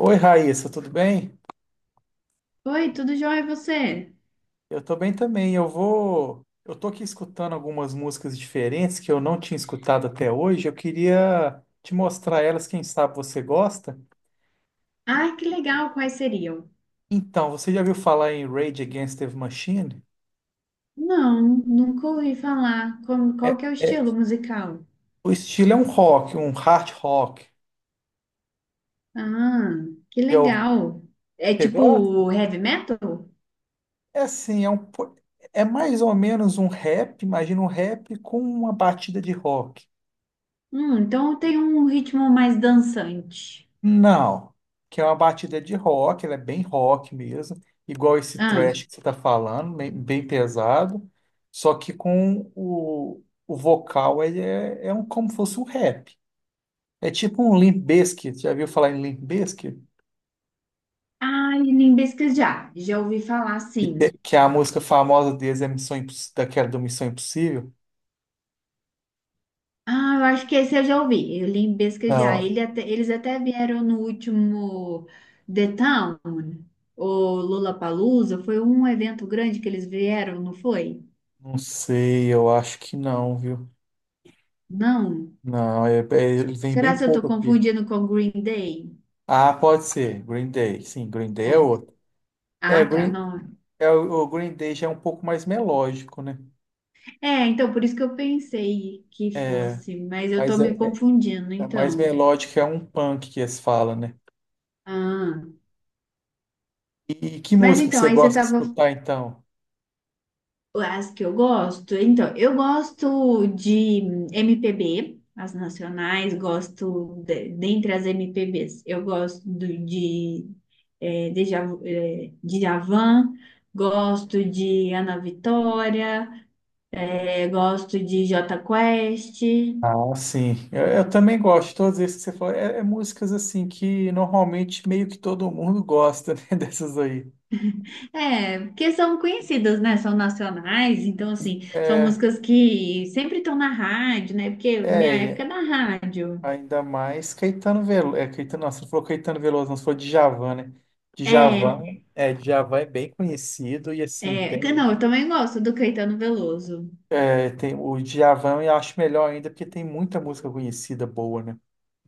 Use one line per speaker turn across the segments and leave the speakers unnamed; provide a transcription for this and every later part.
Oi, Raíssa, tudo bem?
Oi, tudo jóia, e você?
Eu tô bem também. Eu tô aqui escutando algumas músicas diferentes que eu não tinha escutado até hoje. Eu queria te mostrar elas, quem sabe você gosta.
Ah, que legal, quais seriam?
Então, você já ouviu falar em Rage Against the Machine?
Não, nunca ouvi falar. Qual,
É,
que é o
é-
estilo musical?
o estilo é um rock, um hard rock.
Ah, que
Já ouviu?
legal. É
Você gosta?
tipo heavy metal?
É assim, é um, po- É mais ou menos um rap, imagina um rap com uma batida de rock.
Então tem um ritmo mais dançante.
Não, que é uma batida de rock, ela é bem rock mesmo, igual esse
Ah,
thrash que você está falando, bem, bem pesado, só que com o vocal ele é, é um, como se fosse um rap. É tipo um Limp Bizkit, já viu falar em Limp Bizkit?
ai, limbisca já. Já ouvi falar, sim.
Que a música famosa deles é daquela do Missão Impossível?
Ah, eu acho que esse eu já ouvi. Eu li em pesquisar.
Não,
Eles até vieram no último The Town, ou Lollapalooza. Foi um evento grande que eles vieram, não foi?
não sei, eu acho que não, viu?
Não.
Não, ele vem
Será
bem
que eu estou
pouco aqui.
confundindo com Green Day?
Ah, pode ser, Green Day, sim, Green Day é
É.
outro. É,
Ah, tá,
Green,
não.
É, o Green Day já é um pouco mais melódico, né?
É, então por isso que eu pensei que
É,
fosse, mas eu tô
mas é,
me
é-
confundindo,
É mais
então.
melódico, é um punk que eles falam, né?
Ah.
E que
Mas
música que
então,
você
aí você
gosta de
estava
escutar, então?
As que eu gosto, então, eu gosto de MPB, as nacionais, dentre as MPBs, eu gosto do- de Djavan, gosto de Ana Vitória, gosto de Jota Quest,
Ah, sim. Eu também gosto de todos esses que você falou. Músicas, assim, que normalmente meio que todo mundo gosta, né? Dessas aí.
é, porque são conhecidas, né? São nacionais, então, assim, são
É,
músicas que sempre estão na rádio, né? Porque minha época
e
é na rádio.
ainda mais Caetano Veloso. É, Caetano, nossa, não falou Caetano Veloso, não, você falou Djavan, né?
É.
Djavan, Djavan é bem conhecido e, assim,
É, que não,
tem.
eu também gosto do Caetano Veloso.
É, tem o Djavan eu acho melhor ainda porque tem muita música conhecida boa, né?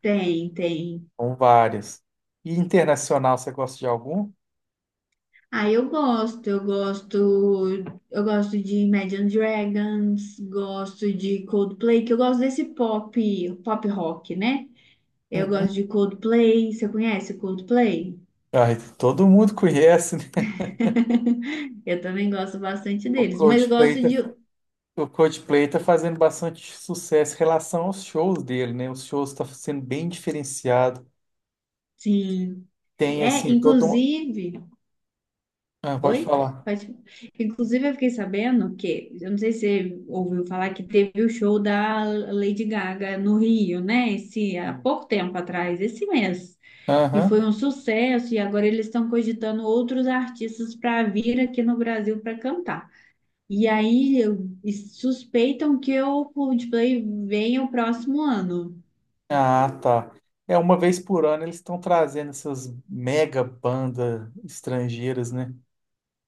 Tem, tem.
São várias. E internacional, você gosta de algum?
Ah, eu gosto, eu gosto de Imagine Dragons, gosto de Coldplay, que eu gosto desse pop, pop rock, né? Eu gosto
Uhum.
de Coldplay, você conhece Coldplay?
Ai, todo mundo conhece, né?
Eu também gosto bastante
O
deles, mas
Coldplay tá, o Coldplay tá fazendo bastante sucesso em relação aos shows dele, né? Os shows estão sendo bem diferenciado.
sim.
Tem,
É,
assim, todo um...
inclusive.
Ah, pode
Oi?
falar.
Pode... Inclusive, eu fiquei sabendo que, eu não sei se você ouviu falar que teve o show da Lady Gaga no Rio, né? Esse, há pouco tempo atrás, esse mês. E foi
Aham.
um sucesso, e agora eles estão cogitando outros artistas para vir aqui no Brasil para cantar. E suspeitam que o Coldplay venha o próximo ano.
Ah, tá. É, uma vez por ano eles estão trazendo essas mega bandas estrangeiras, né?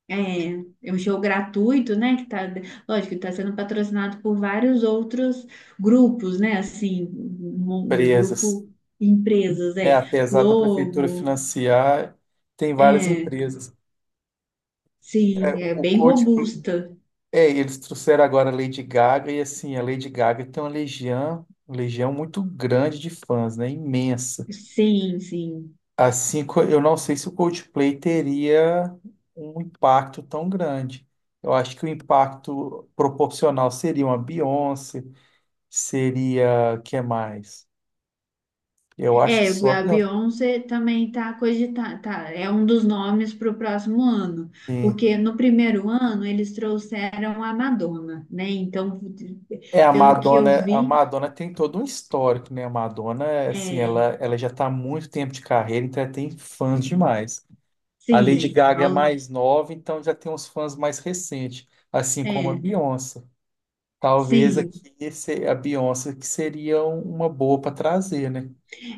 É, é um show gratuito, né? Que tá, lógico, que tá sendo patrocinado por vários outros grupos, né? Assim, um
Presas.
grupo empresas,
É,
é.
apesar da prefeitura
Globo,
financiar, tem várias
é,
empresas.
sim, é
O
bem
Coldplay,
robusta.
é, eles trouxeram agora a Lady Gaga e assim, a Lady Gaga tem uma legião, legião muito grande de fãs, né? Imensa.
Sim, sim.
Assim, eu não sei se o Coldplay teria um impacto tão grande. Eu acho que o impacto proporcional seria uma Beyoncé, seria, que mais? Eu acho que
É,
só a
a
Beyoncé.
Beyoncé também tá cogitada, tá, é um dos nomes para o próximo ano, porque no primeiro ano eles trouxeram a Madonna, né? Então,
É,
pelo que eu
A
vi,
Madonna tem todo um histórico, né? A Madonna, assim, ela,
é,
ela já está há muito tempo de carreira, então ela tem fãs demais. A Lady Sim.
sim,
Gaga é
ao
mais nova, então já tem uns fãs mais recentes, assim como a
é,
Beyoncé. Talvez
sim.
aqui a Beyoncé que seria um, uma boa para trazer, né?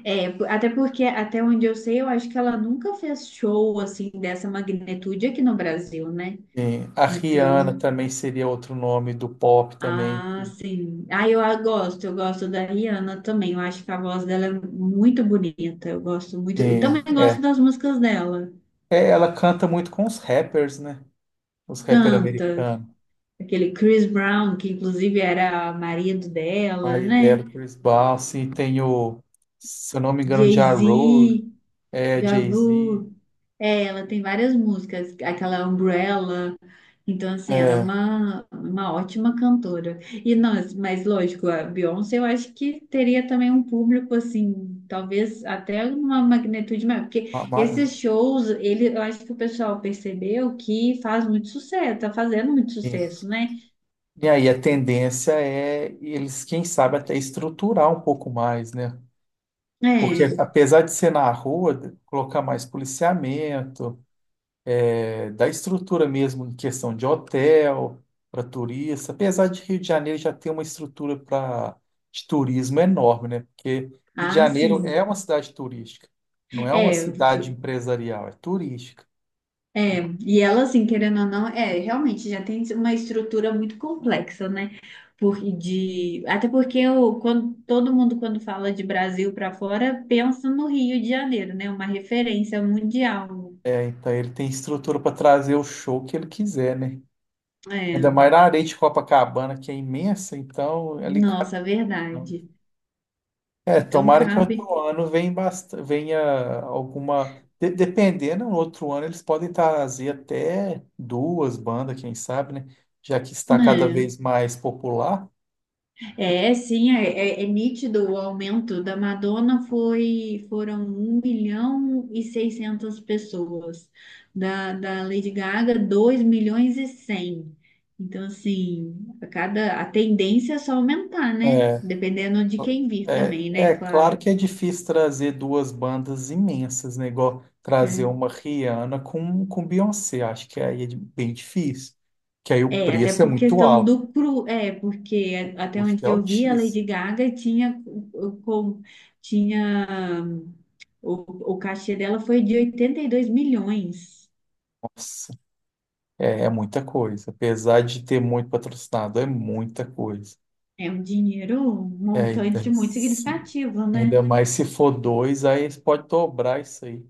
É, até porque, até onde eu sei, eu acho que ela nunca fez show assim dessa magnitude aqui no Brasil, né?
Sim. A Rihanna
Então,
também seria outro nome do pop também.
ah,
Que,
sim. Ah, eu gosto da Rihanna também. Eu acho que a voz dela é muito bonita. Eu gosto muito. E
sim,
também gosto
é.
das músicas dela.
É, ela canta muito com os rappers, né? Os rappers
Canta.
americanos.
Aquele Chris Brown, que inclusive era marido dela,
Aí
né?
dela, Chris Bosh, tem o, se eu não me engano, Ja Rule,
Jay-Z,
é,
Ja
Jay-Z.
Rule. É, ela tem várias músicas, aquela Umbrella. Então, assim, ela é
É,
uma ótima cantora. E nós, mas lógico, a Beyoncé eu acho que teria também um público, assim, talvez até uma magnitude maior. Porque
ma- ma-
esses shows, ele, eu acho que o pessoal percebeu que faz muito sucesso, tá fazendo muito
enfim.
sucesso, né?
E aí a tendência é eles, quem sabe, até estruturar um pouco mais, né? Porque
É,
apesar de ser na rua, colocar mais policiamento, é, da estrutura mesmo, em questão de hotel, para turista, apesar de Rio de Janeiro já ter uma estrutura para de turismo enorme, né? Porque Rio de
ah,
Janeiro é
sim.
uma cidade turística, não é uma
É.
cidade empresarial, é turística.
É, e ela, assim, querendo ou não, é, realmente já tem uma estrutura muito complexa, né? Por, de, até porque eu, quando, todo mundo, quando fala de Brasil para fora, pensa no Rio de Janeiro, né? Uma referência mundial.
É, então ele tem estrutura para trazer o show que ele quiser, né? Ainda
É,
mais na areia de Copacabana, que é imensa, então é ali cabe.
nossa, verdade.
É,
Então
tomara que
cabe,
outro ano venha, venha alguma. Dependendo, no outro ano eles podem trazer até duas bandas, quem sabe, né? Já que está cada
né?
vez mais popular.
É, sim, é, é nítido o aumento. Da Madonna foi foram 1.600.000 pessoas, da Lady Gaga 2.100.000. Então, assim, a cada a tendência é só aumentar, né?
É,
Dependendo de quem vir também, né?
é claro
Claro.
que é difícil trazer duas bandas imensas, né? Igual trazer
É.
uma Rihanna com Beyoncé. Acho que aí é bem difícil. Que aí o
É, até
preço é
por
muito
questão
alto.
do cru, é,
O
porque até onde
custo é
eu vi, a
altíssimo.
Lady Gaga tinha, com, tinha o cachê dela foi de 82 milhões.
Nossa, é muita coisa. Apesar de ter muito patrocinado, é muita coisa.
É um dinheiro, um
É, então,
montante muito
se-
significativo,
ainda
né?
mais se for dois, aí eles podem dobrar isso aí.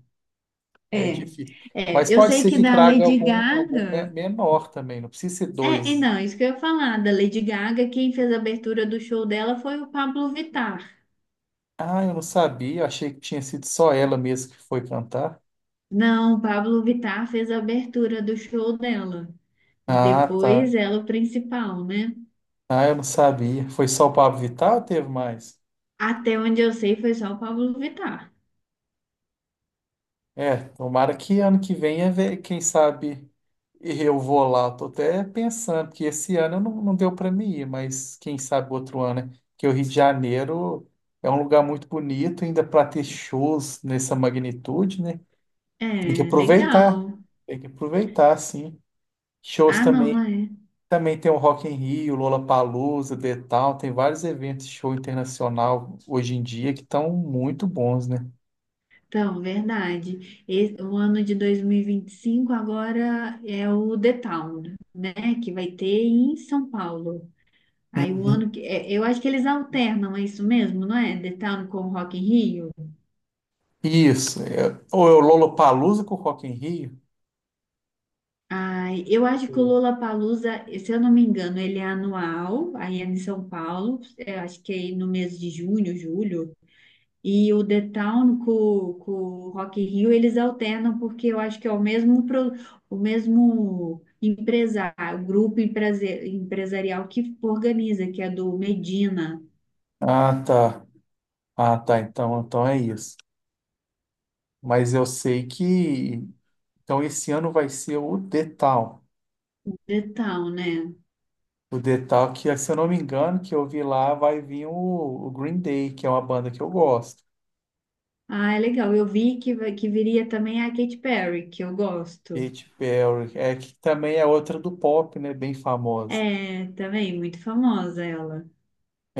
Aí é
É,
difícil. Mas
é, eu
pode
sei
ser
que
que
da
traga
Lady
algum,
Gaga.
menor também, não precisa ser
É, e
dois.
não, isso que eu ia falar, da Lady Gaga, quem fez a abertura do show dela foi o Pablo Vittar.
Ah, eu não sabia, eu achei que tinha sido só ela mesmo que foi cantar.
Não, o Pablo Vittar fez a abertura do show dela. E
Ah, tá.
depois ela é o principal, né?
Ah, eu não sabia. Foi só o Pablo Vittar ou teve mais?
Até onde eu sei foi só o Pablo Vittar.
É, tomara que ano que vem, quem sabe, eu vou lá. Tô até pensando, que esse ano não, não deu para mim ir, mas quem sabe outro ano, né? Porque o Rio de Janeiro é um lugar muito bonito, ainda para ter shows nessa magnitude, né? Tem que
É,
aproveitar,
legal.
tem que aproveitar, sim. Shows
Ah, não,
também,
é.
também tem o Rock in Rio, Lollapalooza, The Town, tem vários eventos de show internacional hoje em dia que estão muito bons, né?
Então, verdade. O ano de dois mil e vinte e cinco agora é o The Town, né? Que vai ter em São Paulo. Aí o
Uhum.
ano que. É, eu acho que eles alternam, é isso mesmo, não é? The Town com o Rock in Rio.
Isso. Ou é o Lollapalooza com o Rock in Rio?
Ai, eu acho que o
Sim.
Lollapalooza, se eu não me engano, ele é anual, aí é em São Paulo, eu acho que é no mês de junho, julho. E o The Town com o Rock in Rio, eles alternam porque eu acho que é o mesmo, o mesmo empresário, o grupo empresarial que organiza, que é do Medina,
Ah, tá. Ah, tá. Então, então é isso. Mas eu sei que. Então, esse ano vai ser o The Town.
o The Town, né?
O The Town, que, se eu não me engano, que eu vi lá, vai vir o Green Day, que é uma banda que eu gosto.
Ah, é legal. Eu vi que, que viria também a Katy Perry, que eu gosto.
Katy Perry, é, que também é outra do pop, né? Bem famosa.
É, também, muito famosa ela.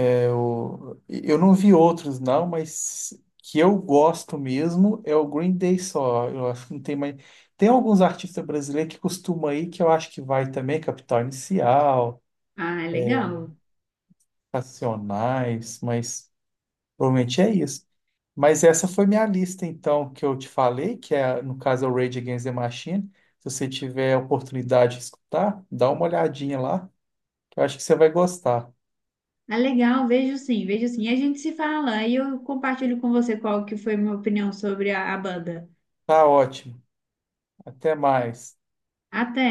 Eu não vi outros, não, mas que eu gosto mesmo é o Green Day só. Eu acho que não tem mais. Tem alguns artistas brasileiros que costumam aí que eu acho que vai também, Capital Inicial,
Ah, é legal.
Racionais, mas provavelmente é isso. Mas essa foi minha lista, então, que eu te falei, que é, no caso, é o Rage Against the Machine. Se você tiver a oportunidade de escutar, dá uma olhadinha lá, que eu acho que você vai gostar.
Ah, legal, vejo sim, vejo sim. E a gente se fala, aí eu compartilho com você qual que foi minha opinião sobre a banda.
Tá ótimo. Até mais.
Até!